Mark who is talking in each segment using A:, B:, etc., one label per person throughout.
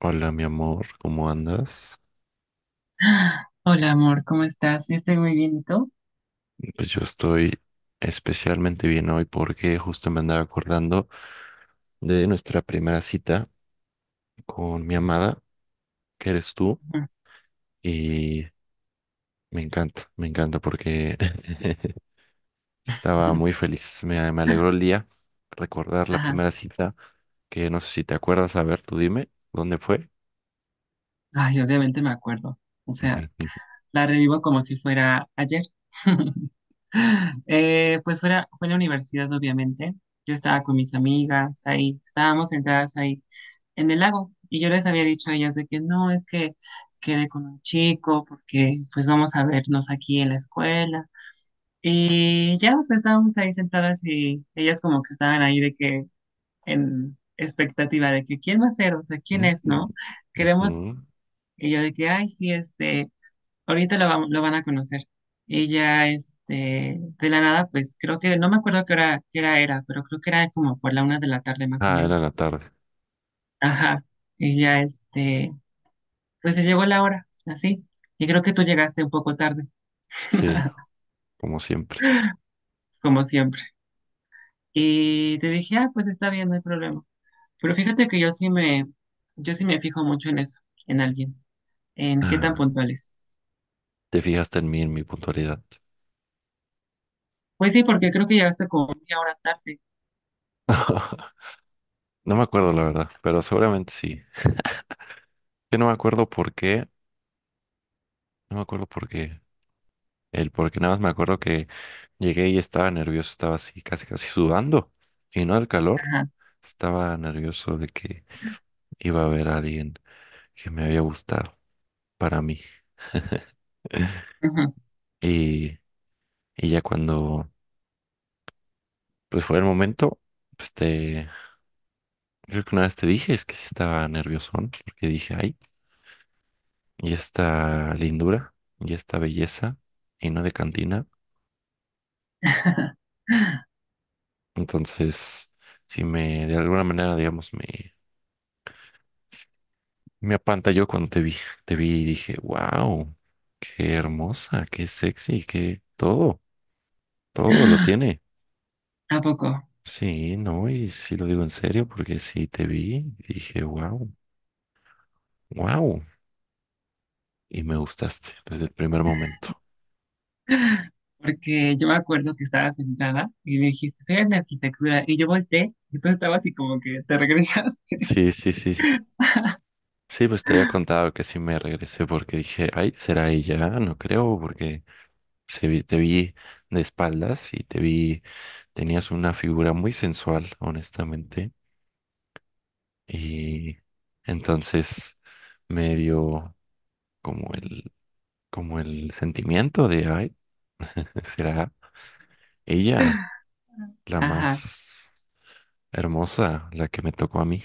A: Hola, mi amor, ¿cómo andas?
B: Hola, amor, ¿cómo estás? Yo estoy muy bien, ¿y tú?
A: Pues yo estoy especialmente bien hoy porque justo me andaba acordando de nuestra primera cita con mi amada, que eres tú, y me encanta porque estaba muy feliz, me alegró el día recordar la
B: Ajá.
A: primera cita, que no sé si te acuerdas, a ver, tú dime, ¿dónde fue?
B: Ay, obviamente me acuerdo. O sea, la revivo como si fuera ayer. Pues fue la universidad, obviamente. Yo estaba con mis amigas ahí, estábamos sentadas ahí en el lago y yo les había dicho a ellas de que no, es que quedé con un chico porque pues vamos a vernos aquí en la escuela. Y ya, o sea, estábamos ahí sentadas y ellas como que estaban ahí de que en expectativa de que quién va a ser, o sea, quién es, ¿no? Queremos
A: Ujú.
B: ella de que, ay, sí, ahorita lo van a conocer. Y ya, de la nada, pues creo que, no me acuerdo qué hora, era, pero creo que era como por la 1 de la tarde más o
A: Ah, era en
B: menos.
A: la tarde,
B: Ajá. Y ya, pues se llegó la hora, así. Y creo que tú llegaste un poco tarde,
A: sí, como siempre.
B: como siempre. Y te dije, ah, pues está bien, no hay problema. Pero fíjate que yo sí me fijo mucho en eso, en alguien, en qué tan puntuales.
A: Te fijaste en mí, en mi puntualidad.
B: Pues sí, porque creo que llegaste como media hora tarde.
A: No me acuerdo, la verdad, pero seguramente sí. Yo no me acuerdo por qué, no me acuerdo por qué. El por qué nada más me acuerdo que llegué y estaba nervioso, estaba así, casi, casi sudando. Y no del calor,
B: Ajá,
A: estaba nervioso de que iba a haber a alguien que me había gustado para mí.
B: ajá.
A: Y, y ya cuando pues fue el momento, pues te, creo que una vez te dije, es que sí estaba nerviosón, porque dije, ay, y esta lindura y esta belleza y no de cantina. Entonces, si me de alguna manera, digamos, me apantalló cuando te vi y dije, wow, qué hermosa, qué sexy, qué todo, todo lo tiene.
B: ¿A poco?
A: Sí, no, y sí lo digo en serio porque sí te vi, y dije, wow, wow, y me gustaste desde el primer momento.
B: Porque yo me acuerdo que estaba sentada y me dijiste, estoy en arquitectura, y yo volteé, y tú estabas así como que te regresaste.
A: Sí, sí, sí. Sí, pues te había contado que sí me regresé porque dije, ay, será ella, no creo, porque se vi- te vi de espaldas y te vi, tenías una figura muy sensual, honestamente, y entonces me dio como el, como el sentimiento de, ay, será ella la
B: Ajá,
A: más hermosa, la que me tocó a mí,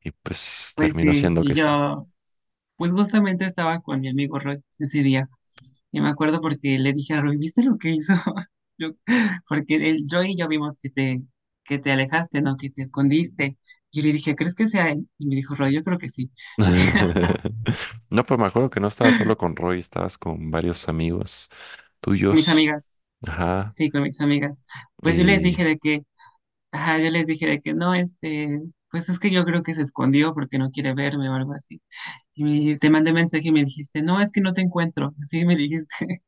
A: y pues
B: pues
A: terminó
B: sí,
A: siendo
B: y
A: que sí.
B: yo, pues justamente estaba con mi amigo Roy ese día. Yo me acuerdo porque le dije a Rui, ¿viste lo que hizo? Yo- porque él, yo y yo vimos que te alejaste, ¿no? Que te escondiste. Yo le dije, ¿crees que sea él? Y me dijo, Roy, yo creo que sí.
A: No, pues me acuerdo que no estabas solo con Roy, estabas con varios amigos
B: Con mis
A: tuyos,
B: amigas,
A: ajá,
B: sí, con mis amigas. Pues yo les
A: y
B: dije de que, ajá, yo les dije de que no, pues es que yo creo que se escondió porque no quiere verme o algo así. Y te mandé mensaje y me dijiste, no, es que no te encuentro. Así me dijiste,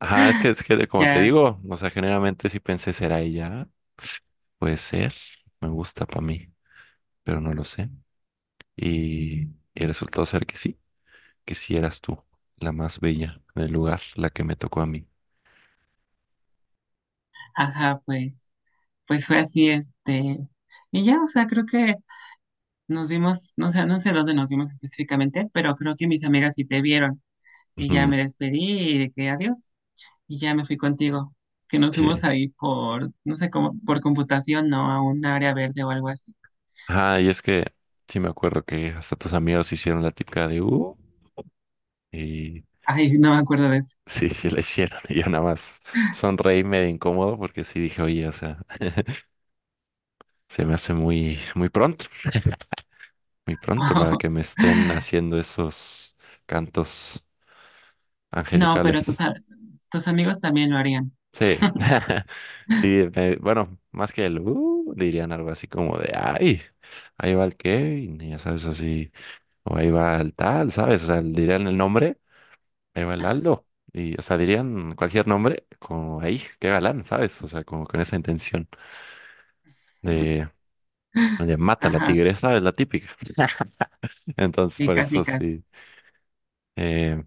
A: ajá, es que, como te
B: ya,
A: digo, o sea, generalmente si pensé, ¿será ella? Puede ser, me gusta para mí, pero no lo sé. Y, y resultó ser que sí eras tú, la más bella del lugar, la que me tocó a mí.
B: ajá, pues fue así. Y ya, o sea, creo que nos vimos, no sé, dónde nos vimos específicamente, pero creo que mis amigas sí te vieron. Y ya
A: Ujú,
B: me despedí y de que adiós. Y ya me fui contigo. Que nos
A: sí.
B: fuimos ahí por, no sé cómo, por computación, ¿no? A un área verde o algo así.
A: Ajá, y es que sí me acuerdo que hasta tus amigos hicieron la típica de y
B: Ay, no me acuerdo de eso.
A: sí, sí la hicieron. Y yo nada más sonreí medio incómodo porque sí dije, oye, o sea, se me hace muy, muy pronto. Muy pronto para que me estén haciendo esos cantos
B: No, pero
A: angelicales.
B: tus amigos también lo harían.
A: Sí, sí, me- bueno, más que el dirían algo así como de ay, ahí va el Kevin, y ya sabes, así, o ahí va el tal, ¿sabes? O sea, dirían el nombre, ahí va el Aldo, y o sea, dirían cualquier nombre, como ahí, qué galán, ¿sabes? O sea, como con esa intención de, de mata a la
B: Ajá,
A: tigresa, es la típica. Entonces,
B: sí,
A: por
B: casi,
A: eso
B: casi.
A: sí, eh,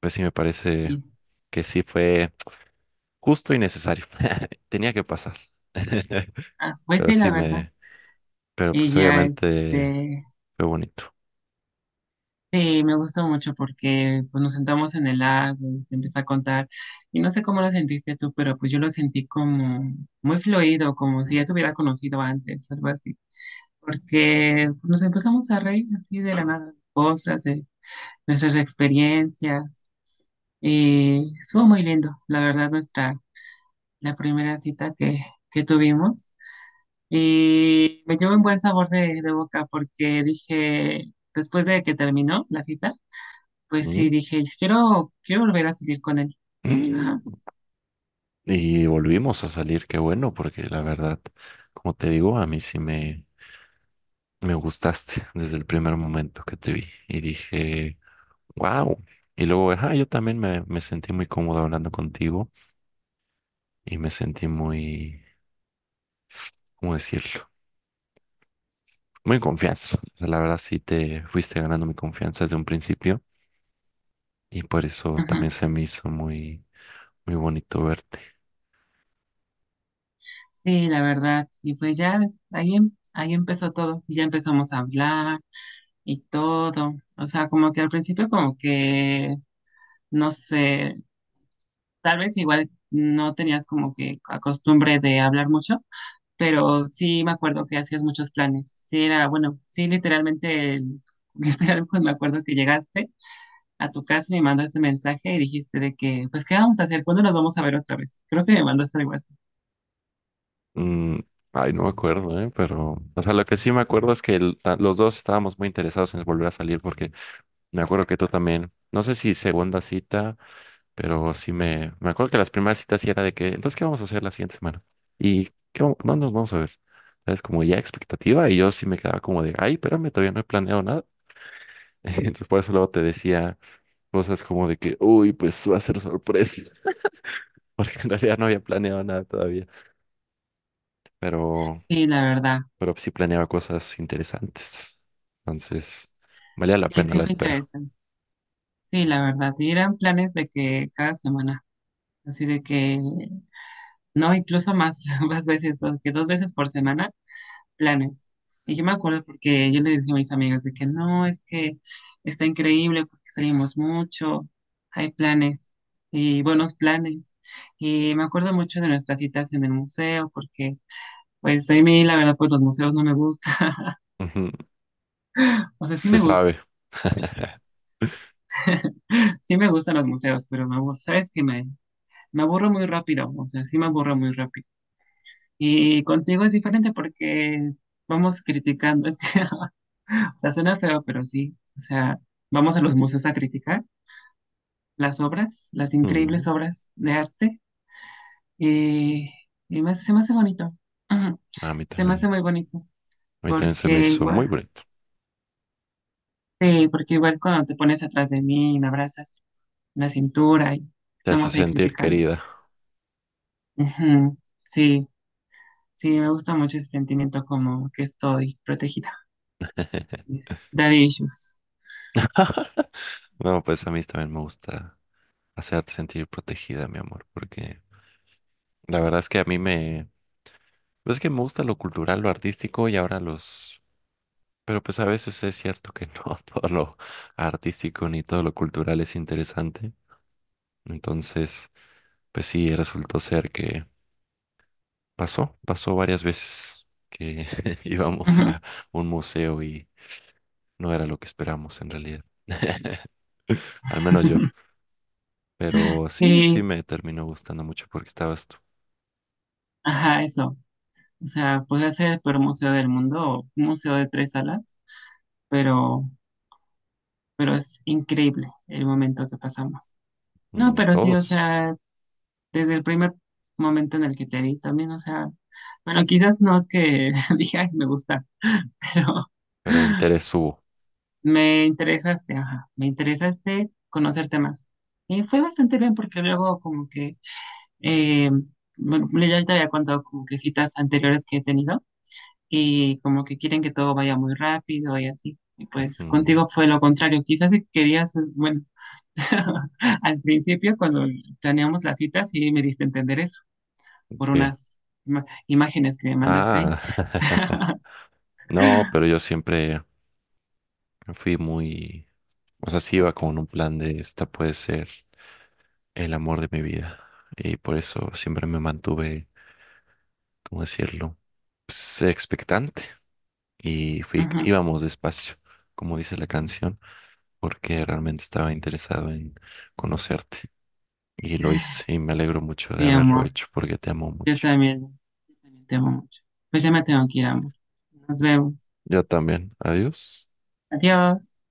A: pues sí me parece
B: Y,
A: que sí fue. Justo y necesario. Tenía que pasar.
B: ah, pues
A: Pero
B: sí, la
A: sí
B: verdad.
A: me, pero
B: Y
A: pues
B: ya,
A: obviamente fue bonito.
B: sí, me gustó mucho porque pues, nos sentamos en el lago y te empecé a contar. Y no sé cómo lo sentiste tú, pero pues yo lo sentí como muy fluido, como si ya te hubiera conocido antes, algo así. Porque pues, nos empezamos a reír así de la nada, de cosas, de nuestras experiencias. Y estuvo muy lindo, la verdad, la primera cita que tuvimos. Y me llevó un buen sabor de boca porque dije, después de que terminó la cita, pues
A: ¿Mm?
B: sí, dije, quiero volver a salir con él.
A: Mm.
B: Ajá,
A: Y volvimos a salir, qué bueno, porque la verdad, como te digo, a mí sí me gustaste desde el primer momento que te vi y dije, wow. Y luego, ajá, yo también me sentí muy cómodo hablando contigo y me sentí muy, ¿cómo decirlo? Muy en confianza. O sea, la verdad sí te fuiste ganando mi confianza desde un principio y por eso también
B: ajá.
A: se me hizo muy, muy bonito verte.
B: Sí, la verdad. Y pues ya ahí empezó todo. Y ya empezamos a hablar y todo. O sea, como que al principio como que, no sé, tal vez igual no tenías como que la costumbre de hablar mucho, pero sí me acuerdo que hacías muchos planes. Sí, era, bueno, sí, literalmente, literal, pues me acuerdo que llegaste a tu casa, me mandaste mensaje y dijiste de que, pues, ¿qué vamos a hacer? ¿Cuándo nos vamos a ver otra vez? Creo que me mandaste algo así.
A: Mm, ay, no me acuerdo, ¿eh? Pero, o sea, lo que sí me acuerdo es que el- la- los dos estábamos muy interesados en volver a salir porque me acuerdo que tú también, no sé si segunda cita, pero sí me acuerdo que las primeras citas sí era de que, entonces, ¿qué vamos a hacer la siguiente semana? Y qué, vam- ¿dónde nos vamos a ver? Es como ya expectativa y yo sí me quedaba como de, ay, espérame, todavía no he planeado nada. Entonces, por eso luego te decía cosas como de que, uy, pues va a ser sorpresa. Porque en realidad no había planeado nada todavía, pero,
B: Sí, la verdad.
A: pero sí planeaba cosas interesantes. Entonces, valía la
B: Sí,
A: pena
B: sí
A: la
B: fue
A: espera.
B: interesante. Sí, la verdad. Y eran planes de que cada semana, así de que, no, incluso más, más veces, que dos veces por semana, planes. Y yo me acuerdo porque yo le decía a mis amigas de que no, es que está increíble porque salimos mucho, hay planes y buenos planes. Y me acuerdo mucho de nuestras citas en el museo porque pues a mí la verdad pues los museos no me gustan.
A: Ujú,
B: O sea, sí
A: se
B: me gusta,
A: sabe.
B: sí me gustan los museos, pero me aburro, sabes que me aburro muy rápido, o sea, sí me aburro muy rápido. Y contigo es diferente porque vamos criticando, es que, o sea, suena feo, pero sí, o sea, vamos a los museos a criticar las obras, las increíbles
A: Mm,
B: obras de arte y, y se me hace bonito.
A: a mí
B: Se me hace
A: también.
B: muy bonito
A: A mí también se me
B: porque
A: hizo muy
B: igual
A: bonito.
B: sí, porque igual cuando te pones atrás de mí y me abrazas la cintura y
A: Te hace
B: estamos ahí
A: sentir
B: criticando.
A: querida.
B: Ujú. Sí, sí, me gusta mucho ese sentimiento como que estoy protegida. Daddy issues.
A: No, pues a mí también me gusta hacerte sentir protegida, mi amor, porque la verdad es que a mí me... Pues es que me gusta lo cultural, lo artístico y ahora los... Pero pues a veces es cierto que no todo lo artístico ni todo lo cultural es interesante. Entonces, pues sí, resultó ser que pasó, pasó varias veces que íbamos
B: Ujú.
A: a un museo y no era lo que esperamos en realidad. Al menos yo. Pero sí, sí
B: Sí,
A: me terminó gustando mucho porque estabas tú,
B: ajá, eso. O sea, podría ser el peor museo del mundo o un museo de tres salas, pero, pero es increíble el momento que pasamos. No,
A: mm,
B: pero sí, o
A: todos,
B: sea, desde el primer momento en el que te vi también, o sea, bueno, quizás no es que dije, "Ay, me gusta", pero
A: pero interés hubo.
B: me interesaste, ajá, me interesaste conocerte más. Y fue bastante bien porque luego como que, eh, bueno, ya te había contado como que citas anteriores que he tenido y como que quieren que todo vaya muy rápido y así. Y pues
A: Mm,
B: contigo fue lo contrario, quizás si querías, bueno, al principio cuando planeamos las citas sí me diste a entender eso. Por
A: ¿qué?
B: unas imágenes que me mandaste
A: Ah,
B: ahí.
A: no, pero yo siempre fui muy, o sea, sí iba con un plan de esta puede ser el amor de mi vida. Y por eso siempre me mantuve, ¿cómo decirlo? Pues, expectante y fui,
B: Ujú.
A: íbamos despacio, como dice la canción, porque realmente estaba interesado en conocerte y lo hice y me alegro mucho de
B: Sí,
A: haberlo
B: amor,
A: hecho porque te amo
B: yo
A: mucho.
B: también, yo también te amo mucho. Pues ya me tengo que ir, amor. Nos vemos.
A: Yo también. Adiós.
B: Adiós.